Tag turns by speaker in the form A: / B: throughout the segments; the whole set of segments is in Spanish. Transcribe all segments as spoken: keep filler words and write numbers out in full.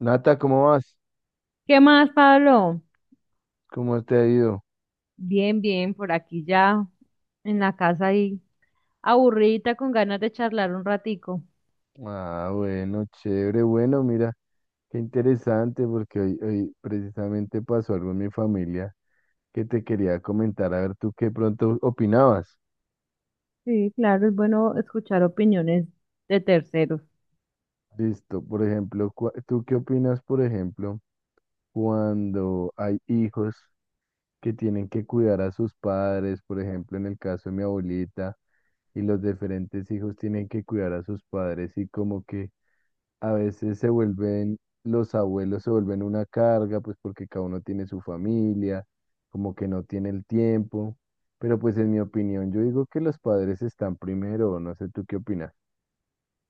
A: Nata, ¿cómo vas?
B: ¿Qué más, Pablo?
A: ¿Cómo te ha ido?
B: Bien, bien, por aquí ya en la casa ahí, aburrida con ganas de charlar un ratico.
A: Ah, bueno, chévere, bueno, mira, qué interesante porque hoy, hoy precisamente pasó algo en mi familia que te quería comentar, a ver tú qué pronto opinabas.
B: Sí, claro, es bueno escuchar opiniones de terceros.
A: Listo, por ejemplo, cua- ¿tú qué opinas, por ejemplo, cuando hay hijos que tienen que cuidar a sus padres, por ejemplo, en el caso de mi abuelita, y los diferentes hijos tienen que cuidar a sus padres y como que... a veces se vuelven, los abuelos se vuelven una carga, pues porque cada uno tiene su familia, como que no tiene el tiempo. Pero pues en mi opinión, yo digo que los padres están primero, no sé tú qué opinas.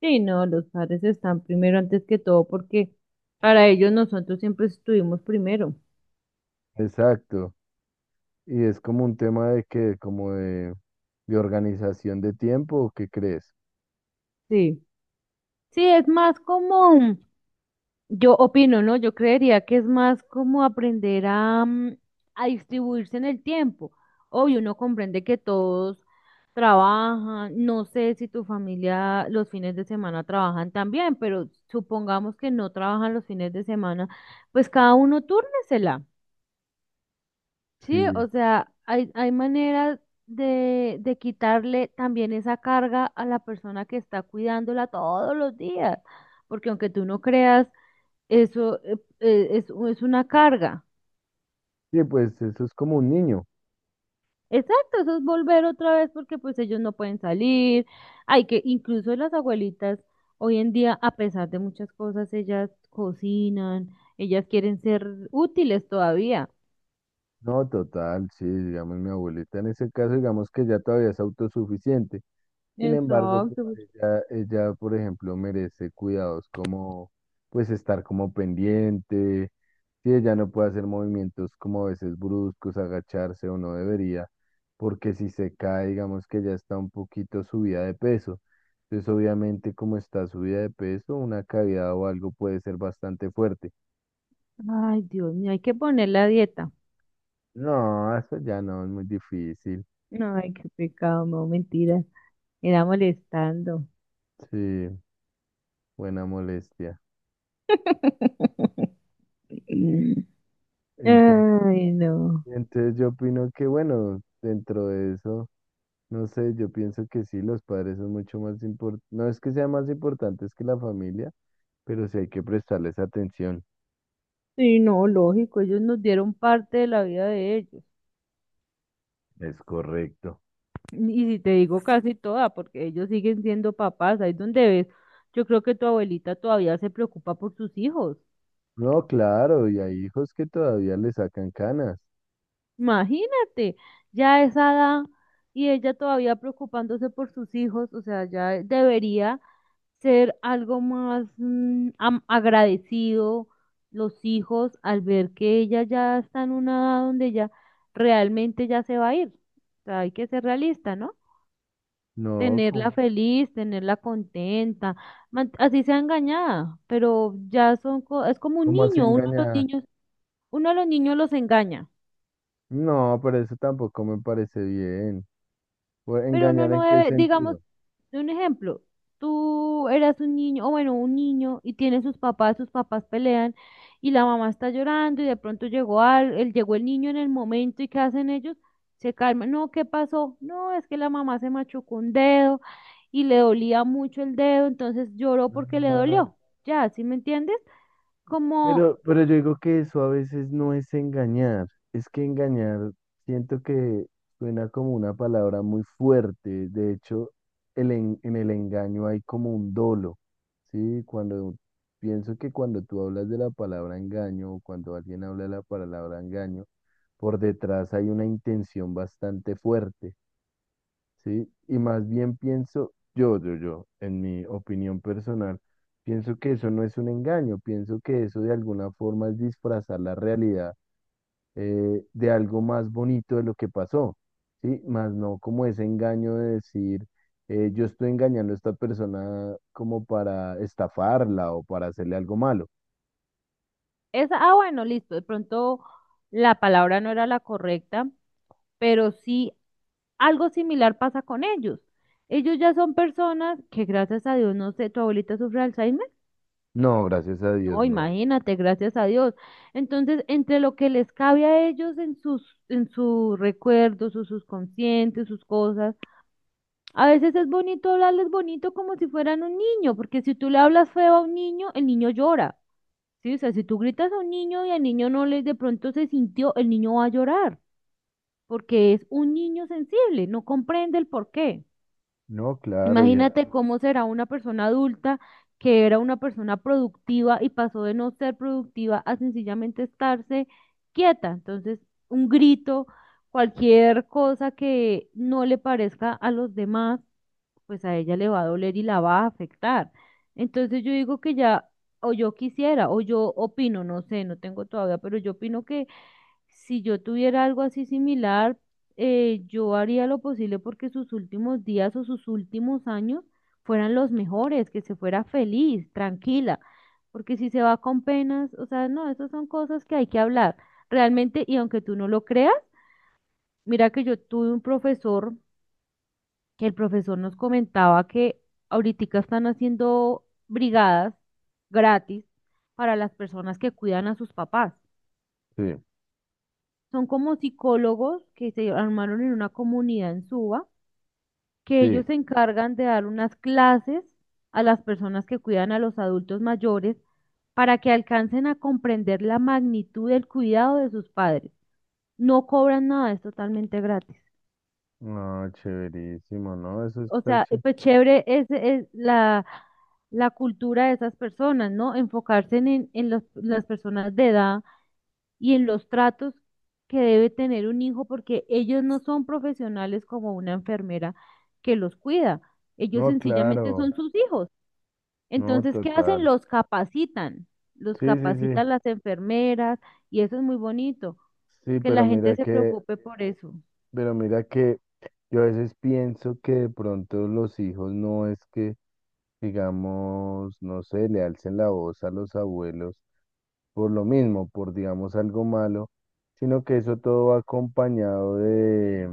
B: Sí, no, los padres están primero antes que todo porque para ellos nosotros siempre estuvimos primero.
A: Exacto. Y es como un tema de que, como de, de organización de tiempo, ¿o ¿qué crees?
B: Sí, sí, es más como, yo opino, ¿no? Yo creería que es más como aprender a, mm, a distribuirse en el tiempo. Obvio, uno comprende que todos trabajan, no sé si tu familia los fines de semana trabajan también, pero supongamos que no trabajan los fines de semana, pues cada uno túrnesela, ¿sí?
A: Sí.
B: O sea, hay, hay maneras de, de quitarle también esa carga a la persona que está cuidándola todos los días, porque aunque tú no creas, eso eh, eh, es es una carga.
A: Sí, pues eso es como un niño.
B: Exacto, eso es volver otra vez porque pues ellos no pueden salir. Hay que, incluso las abuelitas hoy en día, a pesar de muchas cosas, ellas cocinan, ellas quieren ser útiles todavía.
A: No, total, sí, digamos, mi abuelita en ese caso, digamos que ya todavía es autosuficiente. Sin embargo, pues
B: Exacto.
A: ella, ella, por ejemplo, merece cuidados como, pues estar como pendiente, si ella no puede hacer movimientos como a veces bruscos, agacharse o no debería, porque si se cae, digamos que ya está un poquito subida de peso. Entonces, obviamente, como está subida de peso, una caída o algo puede ser bastante fuerte.
B: Ay, Dios mío, hay que poner la dieta.
A: No, eso ya no, es muy difícil.
B: No, ay, qué pecado, no, mentiras. Era molestando.
A: Sí. Buena molestia. Entonces,
B: Ay, no.
A: entonces yo opino que, bueno, dentro de eso, no sé, yo pienso que sí, los padres son mucho más importantes, no es que sean más importantes que la familia, pero sí hay que prestarles atención.
B: Sí, no, lógico, ellos nos dieron parte de la vida de ellos.
A: Es correcto.
B: Y si te digo casi toda, porque ellos siguen siendo papás, ahí es donde ves, yo creo que tu abuelita todavía se preocupa por sus hijos.
A: No, claro, y hay hijos que todavía le sacan canas.
B: Imagínate, ya a esa edad y ella todavía preocupándose por sus hijos, o sea, ya debería ser algo más mm, am- agradecido los hijos al ver que ella ya está en una edad donde ya realmente ya se va a ir. O sea, hay que ser realista, ¿no?
A: No,
B: Tenerla
A: ¿cómo,
B: feliz, tenerla contenta, man- así sea engañada, pero ya son, co- es como un
A: cómo así
B: niño, uno de los
A: engañar?
B: niños, uno de los niños los engaña,
A: No, pero eso tampoco me parece bien. Pues,
B: pero uno
A: ¿engañar
B: no
A: en qué
B: debe, digamos,
A: sentido?
B: un ejemplo, tú eras un niño, o bueno, un niño y tiene sus papás, sus papás pelean y la mamá está llorando y de pronto llegó al, el, llegó el niño en el momento y ¿qué hacen ellos? Se calman, no, ¿qué pasó? No, es que la mamá se machucó un dedo, y le dolía mucho el dedo, entonces lloró porque le dolió. Ya, ¿sí me entiendes? Como
A: Pero, pero yo digo que eso a veces no es engañar, es que engañar siento que suena como una palabra muy fuerte, de hecho el en, en el engaño hay como un dolo, ¿sí? Cuando pienso que cuando tú hablas de la palabra engaño o cuando alguien habla de la palabra engaño, por detrás hay una intención bastante fuerte. Sí, y más bien pienso, yo, yo, yo, en mi opinión personal, pienso que eso no es un engaño, pienso que eso de alguna forma es disfrazar la realidad eh, de algo más bonito de lo que pasó, ¿sí? Más no como ese engaño de decir, eh, yo estoy engañando a esta persona como para estafarla o para hacerle algo malo.
B: esa, ah, bueno, listo, de pronto la palabra no era la correcta, pero sí algo similar pasa con ellos. Ellos ya son personas que gracias a Dios, no sé, tu abuelita sufre de Alzheimer.
A: No, gracias a Dios,
B: No,
A: no.
B: imagínate, gracias a Dios. Entonces, entre lo que les cabe a ellos en sus, en sus recuerdos, sus subconscientes, sus cosas, a veces es bonito hablarles bonito como si fueran un niño, porque si tú le hablas feo a un niño, el niño llora. ¿Sí? O sea, si tú gritas a un niño y al niño no le de pronto se sintió, el niño va a llorar, porque es un niño sensible, no comprende el por qué.
A: No, claro, ya,
B: Imagínate cómo será una persona adulta que era una persona productiva y pasó de no ser productiva a sencillamente estarse quieta. Entonces, un grito, cualquier cosa que no le parezca a los demás pues a ella le va a doler y la va a afectar. Entonces yo digo que ya, o yo quisiera, o yo opino, no sé, no tengo todavía, pero yo opino que si yo tuviera algo así similar, eh, yo haría lo posible porque sus últimos días o sus últimos años fueran los mejores, que se fuera feliz, tranquila, porque si se va con penas, o sea, no, esas son cosas que hay que hablar realmente, y aunque tú no lo creas, mira que yo tuve un profesor que el profesor nos comentaba que ahorita están haciendo brigadas gratis para las personas que cuidan a sus papás.
A: sí,
B: Son como psicólogos que se armaron en una comunidad en Suba, que ellos
A: sí.
B: se encargan de dar unas clases a las personas que cuidan a los adultos mayores para que alcancen a comprender la magnitud del cuidado de sus padres. No cobran nada, es totalmente gratis.
A: No, chéverísimo, ¿no? Eso
B: O
A: está
B: sea, eh,
A: chévere.
B: pues chévere es, es la, la cultura de esas personas, ¿no? Enfocarse en, en- en los- las personas de edad y en los tratos que debe tener un hijo, porque ellos no son profesionales como una enfermera que los cuida. Ellos
A: No,
B: sencillamente
A: claro.
B: son sus hijos.
A: No,
B: Entonces, ¿qué hacen?
A: total.
B: Los capacitan. Los
A: Sí, sí, sí.
B: capacitan las enfermeras y eso es muy bonito,
A: Sí,
B: que la
A: pero
B: gente
A: mira
B: se
A: que,
B: preocupe por eso.
A: pero mira que yo a veces pienso que de pronto los hijos no es que, digamos, no sé, le alcen la voz a los abuelos por lo mismo, por digamos algo malo, sino que eso todo va acompañado de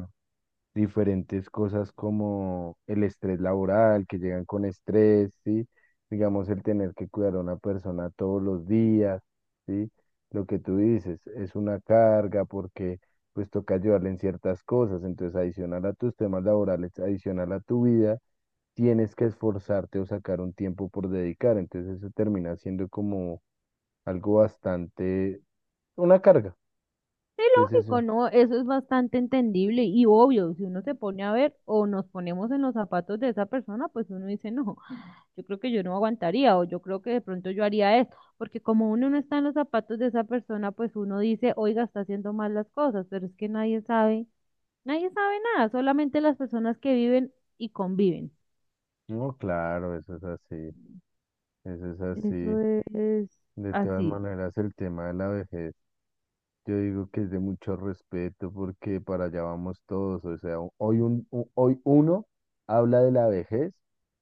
A: diferentes cosas como el estrés laboral, que llegan con estrés, ¿sí? Digamos, el tener que cuidar a una persona todos los días, ¿sí? Lo que tú dices es una carga porque pues toca ayudarle en ciertas cosas. Entonces, adicional a tus temas laborales, adicional a tu vida, tienes que esforzarte o sacar un tiempo por dedicar. Entonces, eso termina siendo como algo bastante, una carga.
B: Sí,
A: Entonces,
B: lógico,
A: eso,
B: ¿no? Eso es bastante entendible y obvio, si uno se pone a ver o nos ponemos en los zapatos de esa persona, pues uno dice, no, yo creo que yo no aguantaría o yo creo que de pronto yo haría esto, porque como uno no está en los zapatos de esa persona, pues uno dice, oiga, está haciendo mal las cosas, pero es que nadie sabe, nadie sabe nada, solamente las personas que viven y conviven.
A: no, claro, eso es así, eso es
B: Eso
A: así.
B: es
A: De todas
B: así,
A: maneras, el tema de la vejez. Yo digo que es de mucho respeto porque para allá vamos todos. O sea, hoy, un, u- hoy uno habla de la vejez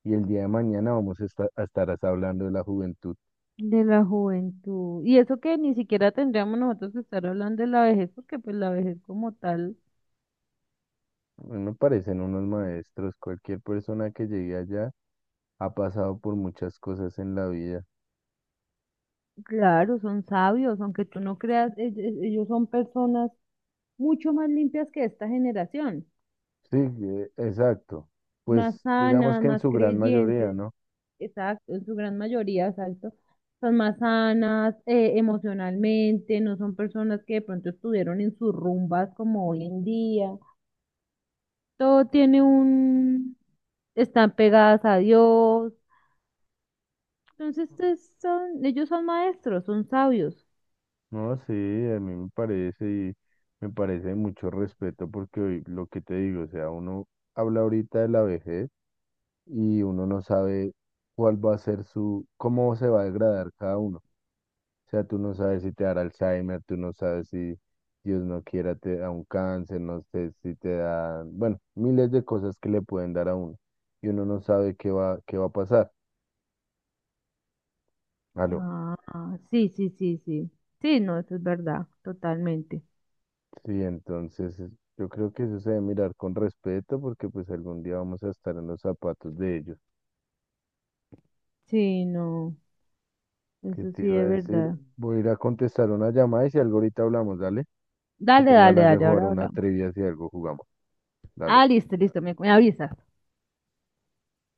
A: y el día de mañana vamos a estar, a estar as- hablando de la juventud.
B: de la juventud. Y eso que ni siquiera tendríamos nosotros que estar hablando de la vejez, porque pues la vejez como tal.
A: A mí me parecen unos maestros. Cualquier persona que llegue allá ha pasado por muchas cosas en la vida.
B: Claro, son sabios, aunque tú no creas, ell- ell- ellos son personas mucho más limpias que esta generación,
A: Sí, eh, exacto.
B: más
A: Pues digamos
B: sanas,
A: que en
B: más
A: su gran mayoría,
B: creyentes,
A: ¿no?
B: exacto, en su gran mayoría, exacto, son más sanas eh, emocionalmente, no son personas que de pronto estuvieron en sus rumbas como hoy en día, todo tiene un, están pegadas a Dios, entonces es- son, ellos son maestros, son sabios.
A: No, sí, a mí me parece y me parece de mucho respeto porque hoy, lo que te digo, o sea, uno habla ahorita de la vejez. Y uno no sabe cuál va a ser su, cómo se va a degradar cada uno. O sea, tú no sabes si te dará Alzheimer, tú no sabes si Dios no quiera te da un cáncer, no sé si te da, bueno, miles de cosas que le pueden dar a uno y uno no sabe qué va, qué va a pasar. Aló.
B: Ah, sí, sí, sí, sí. Sí, no, eso es verdad, totalmente.
A: Sí, entonces es- yo creo que eso se debe mirar con respeto porque pues algún día vamos a estar en los zapatos de ellos.
B: Sí, no,
A: ¿Qué
B: eso
A: te
B: sí
A: iba a
B: es
A: decir?
B: verdad.
A: Voy a ir a contestar una llamada y si algo ahorita hablamos, dale. Que
B: Dale,
A: tengo
B: dale,
A: ganas de
B: dale,
A: jugar
B: ahora
A: una
B: hablamos.
A: trivia, si algo jugamos.
B: Ah,
A: Dale.
B: listo, listo, me, me avisas.